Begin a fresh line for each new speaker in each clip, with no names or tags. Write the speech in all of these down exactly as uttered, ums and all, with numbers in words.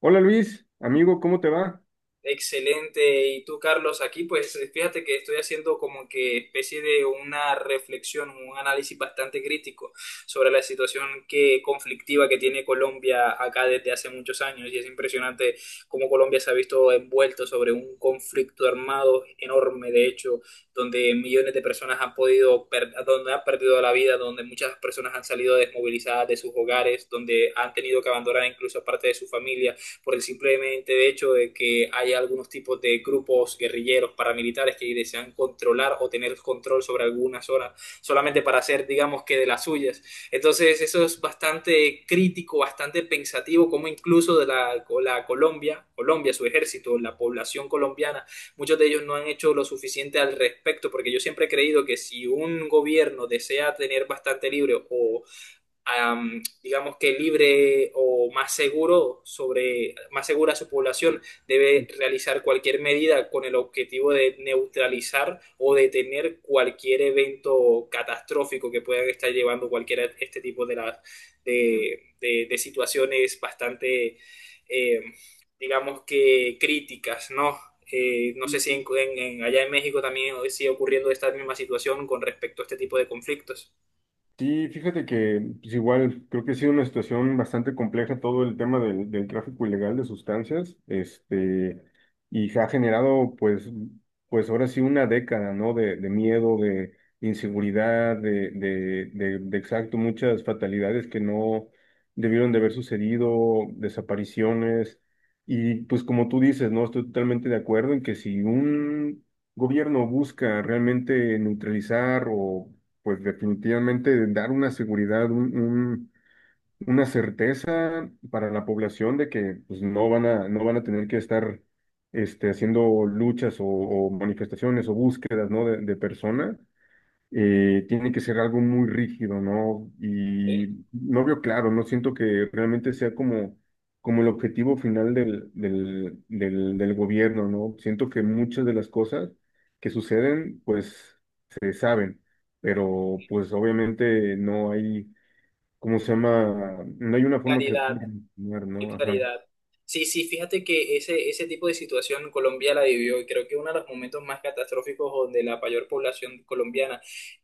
Hola Luis, amigo, ¿cómo te va?
Excelente. Y tú, Carlos, aquí pues fíjate que estoy haciendo como que especie de una reflexión, un análisis bastante crítico sobre la situación que conflictiva que tiene Colombia acá desde hace muchos años. Y es impresionante cómo Colombia se ha visto envuelto sobre un conflicto armado enorme, de hecho, donde millones de personas han podido, per- donde han perdido la vida, donde muchas personas han salido desmovilizadas de sus hogares, donde han tenido que abandonar incluso parte de su familia por el simplemente hecho de que hay algunos tipos de grupos guerrilleros paramilitares que desean controlar o tener control sobre alguna zona solamente para hacer, digamos que de las suyas. Entonces eso es bastante crítico, bastante pensativo, como incluso de la, la Colombia, Colombia, su ejército, la población colombiana, muchos de ellos no han hecho lo suficiente al respecto, porque yo siempre he creído que si un gobierno desea tener bastante libre o am, digamos que libre o más seguro sobre, más segura su población, debe realizar cualquier medida con el objetivo de neutralizar o detener cualquier evento catastrófico que puedan estar llevando cualquiera de este tipo de, las de, de- de situaciones bastante, eh, digamos que críticas, ¿no? Eh, no sé si en, en- en- allá en México también sigue ocurriendo esta misma situación con respecto a este tipo de conflictos.
Sí, fíjate que pues igual creo que ha sido una situación bastante compleja todo el tema del, del tráfico ilegal de sustancias, este, y se ha generado pues, pues ahora sí una década, ¿no? De, de miedo, de inseguridad, de, de, de, de exacto, muchas fatalidades que no debieron de haber sucedido, desapariciones, y pues como tú dices, ¿no? Estoy totalmente de acuerdo en que si un gobierno busca realmente neutralizar o pues definitivamente dar una seguridad, un- un- una certeza para la población de que pues, no van a, no van a tener que estar este, haciendo luchas o, o manifestaciones o búsquedas, ¿no? de, de personas eh, tiene que ser algo muy rígido, ¿no?
Eh,
Y no veo claro, no siento que realmente sea como, como el objetivo final del, del, del, del gobierno, ¿no? Siento que muchas de las cosas que suceden, pues se saben, pero pues obviamente no hay, ¿cómo se llama? No hay una forma que se
Claridad.
pueda continuar,
Qué
¿no? Ajá.
claridad. Sí, sí, fíjate que ese, ese tipo de situación Colombia la vivió y creo que uno de los momentos más catastróficos donde la mayor población colombiana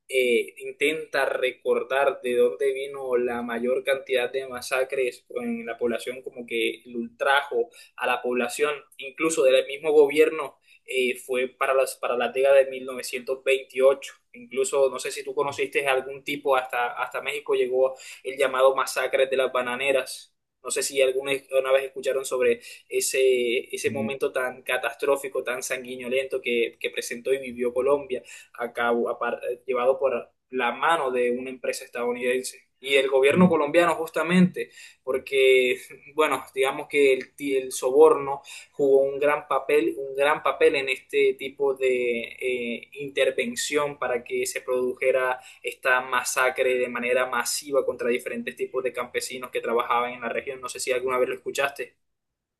eh, intenta recordar de dónde vino la mayor cantidad de masacres en la población, como que el ultrajo a la población, incluso del mismo gobierno, eh, fue para las, para la década de mil novecientos veintiocho. Incluso, no sé si tú conociste algún tipo, hasta, hasta México llegó el llamado masacre de las bananeras. No sé si alguna una vez escucharon sobre ese, ese momento tan catastrófico, tan sanguinolento que, que presentó y vivió Colombia, a cabo, a par- llevado por la mano de una empresa estadounidense. Y el gobierno colombiano justamente, porque, bueno, digamos que el, ti- el soborno jugó un gran papel, un gran papel en este tipo de eh, intervención para que se produjera esta masacre de manera masiva contra diferentes tipos de campesinos que trabajaban en la región. No sé si alguna vez lo escuchaste.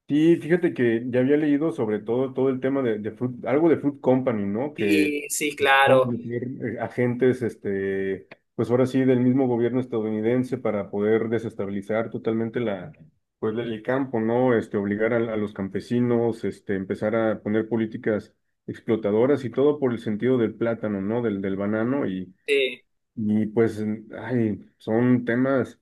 Sí, fíjate que ya había leído sobre todo todo el tema de, de Fruit- algo de Fruit Company, ¿no? Que
Sí, sí,
por
claro.
meter, eh, agentes, este, pues ahora sí, del mismo gobierno estadounidense para poder desestabilizar totalmente la, pues, el campo, ¿no? Este, obligar a, a los campesinos, este, empezar a poner políticas explotadoras y todo por el sentido del plátano, ¿no? Del, del banano y,
Sí,
y pues, ay, son temas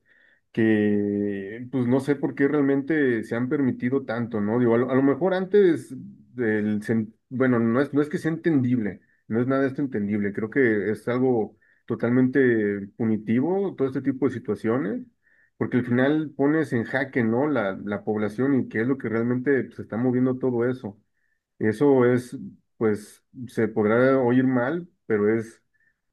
que, pues no sé por qué realmente se han permitido tanto, ¿no? Digo, a lo, a lo mejor antes del, sen- bueno, no es, no es que sea entendible, no es nada de esto entendible, creo que es algo totalmente punitivo todo este tipo de situaciones, porque al final pones en jaque, ¿no? La, la población y qué es lo que realmente se está moviendo todo eso. Eso es, pues, se podrá oír mal, pero es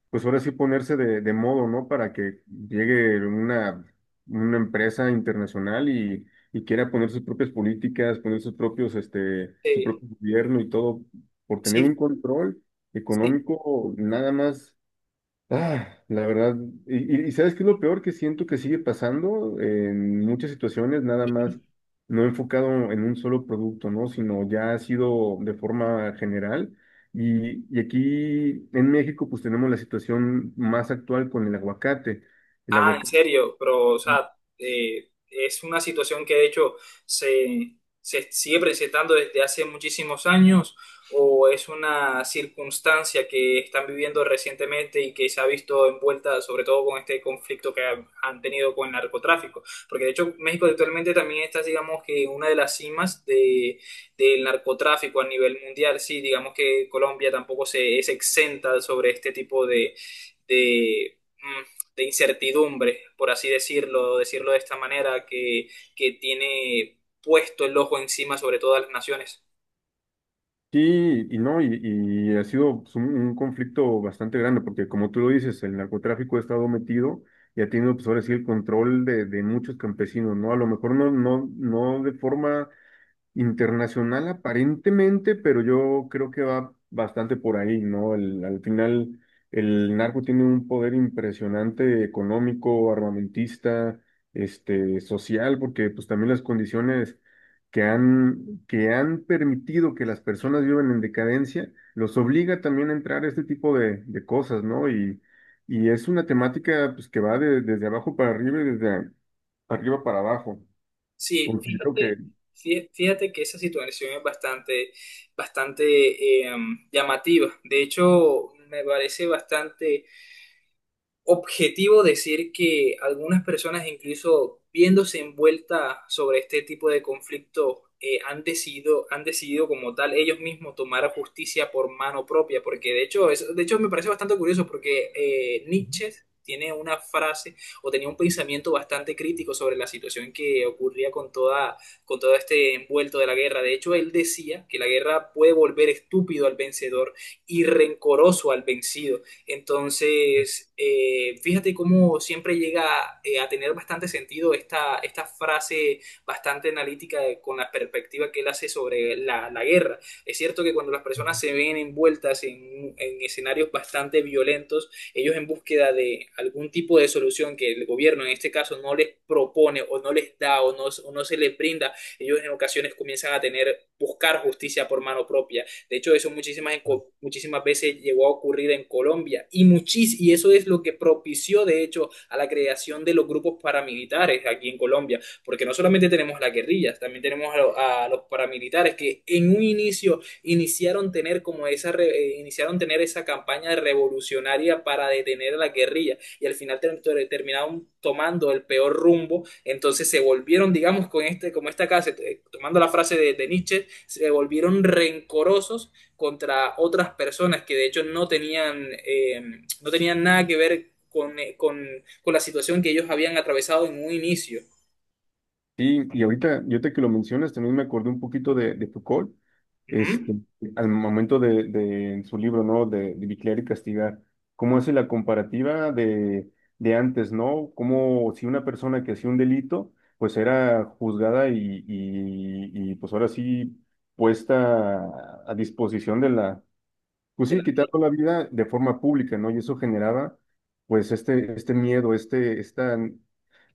pues ahora sí ponerse de, de modo, ¿no? Para que llegue una, una empresa internacional y, y quiera poner sus propias políticas, poner sus propios, este, su
sí,
propio gobierno y todo, por tener un
sí,
control
sí.
económico nada más. Ah, la verdad, y, y- y ¿sabes qué es lo peor que siento que sigue pasando en muchas situaciones, nada más no enfocado en un solo producto, ¿no? Sino ya ha sido de forma general. Y, y aquí en México, pues tenemos la situación más actual con el aguacate. El
Ah, en
aguacate.
serio, pero, o sea, eh, es una situación que de hecho se, se sigue presentando desde hace muchísimos años o es una circunstancia que están viviendo recientemente y que se ha visto envuelta sobre todo con este conflicto que ha- han tenido con el narcotráfico. Porque de hecho México actualmente también está, digamos que, en una de las cimas de, del narcotráfico a nivel mundial. Sí, digamos que Colombia tampoco se, es exenta sobre este tipo de, mm, de incertidumbre, por así decirlo, decirlo de esta manera, que, que tiene puesto el ojo encima sobre todas las naciones.
Sí, y no, y, y ha sido pues, un, un conflicto bastante grande, porque como tú lo dices, el narcotráfico ha estado metido y ha tenido, pues ahora sí, el control de, de muchos campesinos, ¿no? A lo mejor no, no, no de forma internacional aparentemente, pero yo creo que va bastante por ahí, ¿no? El- al final, el narco tiene un poder impresionante económico, armamentista, este, social, porque pues también las condiciones que han, que han permitido que las personas vivan en decadencia, los obliga también a entrar a este tipo de, de cosas, ¿no? Y, y es una temática pues que va de- desde abajo para arriba y desde arriba para abajo.
Sí,
Considero.
fíjate, fí- fíjate que esa situación es bastante, bastante eh, llamativa. De hecho, me parece bastante objetivo decir que algunas personas, incluso viéndose envueltas sobre este tipo de conflictos, eh, han decidido, han decidido como tal ellos mismos tomar justicia por mano propia, porque de hecho, es- de hecho me parece bastante curioso porque eh, Nietzsche tiene una frase o tenía un pensamiento bastante crítico sobre la situación que ocurría con toda, con todo este envuelto de la guerra. De hecho, él decía que la guerra puede volver estúpido al vencedor y rencoroso al vencido. Entonces, eh, fíjate cómo siempre llega eh, a tener bastante sentido esta, esta frase bastante analítica de- con la perspectiva que él hace sobre la, la guerra. Es cierto que cuando las personas se ven envueltas en, en escenarios bastante violentos, ellos en búsqueda de algún tipo de solución que el gobierno en este caso no les propone o no les da o no, o no se les brinda, ellos en ocasiones comienzan a tener, buscar justicia por mano propia de hecho, eso muchísimas, muchísimas veces llegó a ocurrir en Colombia y, muchis, y eso es lo que propició, de hecho, a la creación de los grupos paramilitares aquí en Colombia, porque no solamente tenemos las guerrillas, también tenemos a, a los paramilitares que en un inicio iniciaron tener como esa, re, eh, iniciaron tener esa campaña revolucionaria para detener a la guerrilla y al final ter terminaron tomando el peor rumbo, entonces se volvieron, digamos, con este, como esta casa, eh, tomando la frase de, de Nietzsche, se volvieron rencorosos contra otras personas que de hecho no tenían, eh, no tenían nada que ver con, eh, con, con, la situación que ellos habían atravesado en un inicio.
Sí, y ahorita, yo te que lo mencionas, también me acordé un poquito de, de Foucault,
Uh -huh.
este, al momento de, de- en su libro, ¿no? De, de Vigilar y Castigar, cómo hace la comparativa de, de antes, ¿no? Cómo si una persona que hacía un delito, pues era juzgada y, y, y, pues ahora sí puesta a disposición de la, pues
De
sí,
la,
quitando la vida de forma pública, ¿no? Y eso generaba, pues, este, este miedo, este, esta,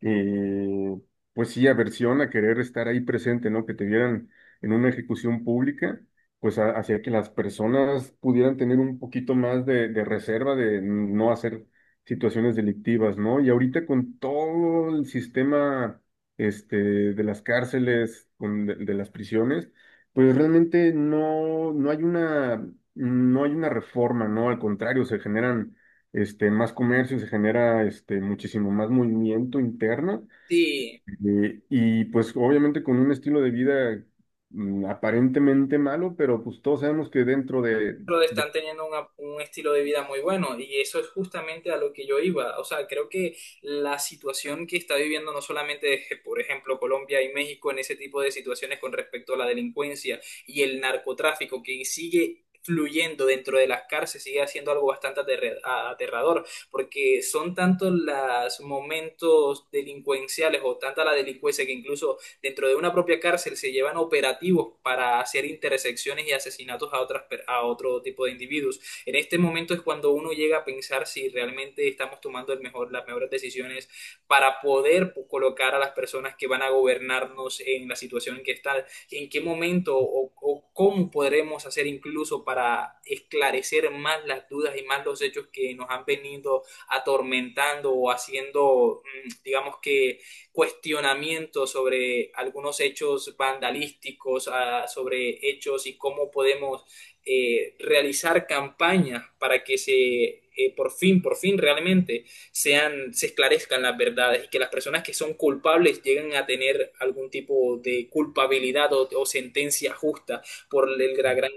eh, pues sí, aversión a querer estar ahí presente, ¿no? Que te vieran en una ejecución pública, pues a- hacía que las personas pudieran tener un poquito más de, de reserva de no hacer situaciones delictivas, ¿no? Y ahorita con todo el sistema, este, de las cárceles, con, de de las prisiones pues realmente no, no hay una, no hay una reforma, ¿no? Al contrario, se generan este, más comercio, se genera este, muchísimo más movimiento interno
sí.
eh, y pues obviamente con un estilo de vida mm, aparentemente malo, pero pues todos sabemos que dentro de,
Pero
de
están teniendo una- un estilo de vida muy bueno y eso es justamente a lo que yo iba. O sea, creo que la situación que está viviendo no solamente, eh, por ejemplo, Colombia y México en ese tipo de situaciones con respecto a la delincuencia y el narcotráfico que sigue fluyendo dentro de las cárceles sigue haciendo algo bastante aterre- a- aterrador, porque son tantos los momentos delincuenciales o tanta la delincuencia que incluso dentro de una propia cárcel se llevan operativos para hacer intersecciones y asesinatos a, otras, a otro tipo de individuos. En este momento es cuando uno llega a pensar si realmente estamos tomando el mejor, las mejores decisiones para poder colocar a las personas que van a gobernarnos en la situación en que están, en qué momento o, o cómo podremos hacer incluso para esclarecer más las dudas y más los hechos que nos han venido atormentando o haciendo, mm, digamos que cuestionamiento sobre algunos hechos vandalísticos, a- sobre hechos y cómo podemos eh, realizar campañas para que se eh, por fin, por fin realmente sean, se esclarezcan las verdades y que las personas que son culpables lleguen a tener algún tipo de culpabilidad o, o sentencia justa por el- la gran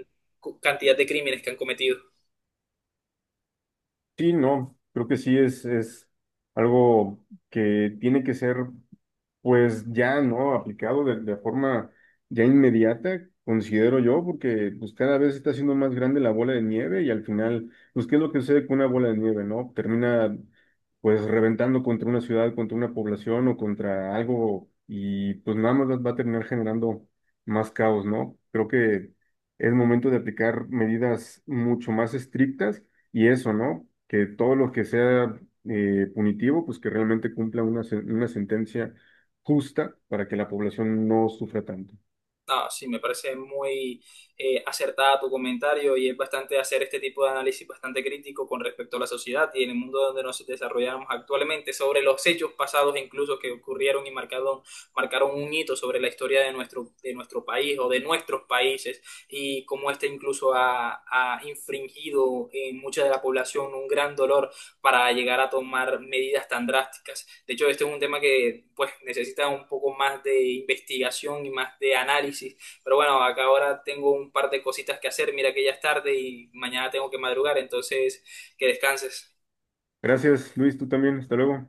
cantidad de crímenes que han cometido.
sí, ¿no? Creo que sí es, es algo que tiene que ser. Pues ya no, aplicado de, de forma ya inmediata, considero yo, porque pues cada vez está siendo más grande la bola de nieve y al final, pues ¿qué es lo que sucede con una bola de nieve, no? Termina pues reventando contra una ciudad, contra una población o contra algo y pues nada más va va a terminar generando más caos, ¿no? Creo que es momento de aplicar medidas mucho más estrictas y eso, ¿no? Que todo lo que sea eh, punitivo, pues que realmente cumpla una, sen- una sentencia justa para que la población no sufra tanto.
No, sí, me parece muy eh, acertada tu comentario y es bastante hacer este tipo de análisis bastante crítico con respecto a la sociedad y en el mundo donde nos desarrollamos actualmente, sobre los hechos pasados incluso que ocurrieron y marcaron, marcaron un hito sobre la historia de nuestro, de nuestro país o de nuestros países y cómo este incluso ha, ha infringido en mucha de la población un gran dolor para llegar a tomar medidas tan drásticas. De hecho, este es un tema que pues necesita un poco más de investigación y más de análisis. Pero bueno, acá ahora tengo un par de cositas que hacer. Mira que ya es tarde y mañana tengo que madrugar, entonces que descanses.
Gracias, Luis, tú también. Hasta luego.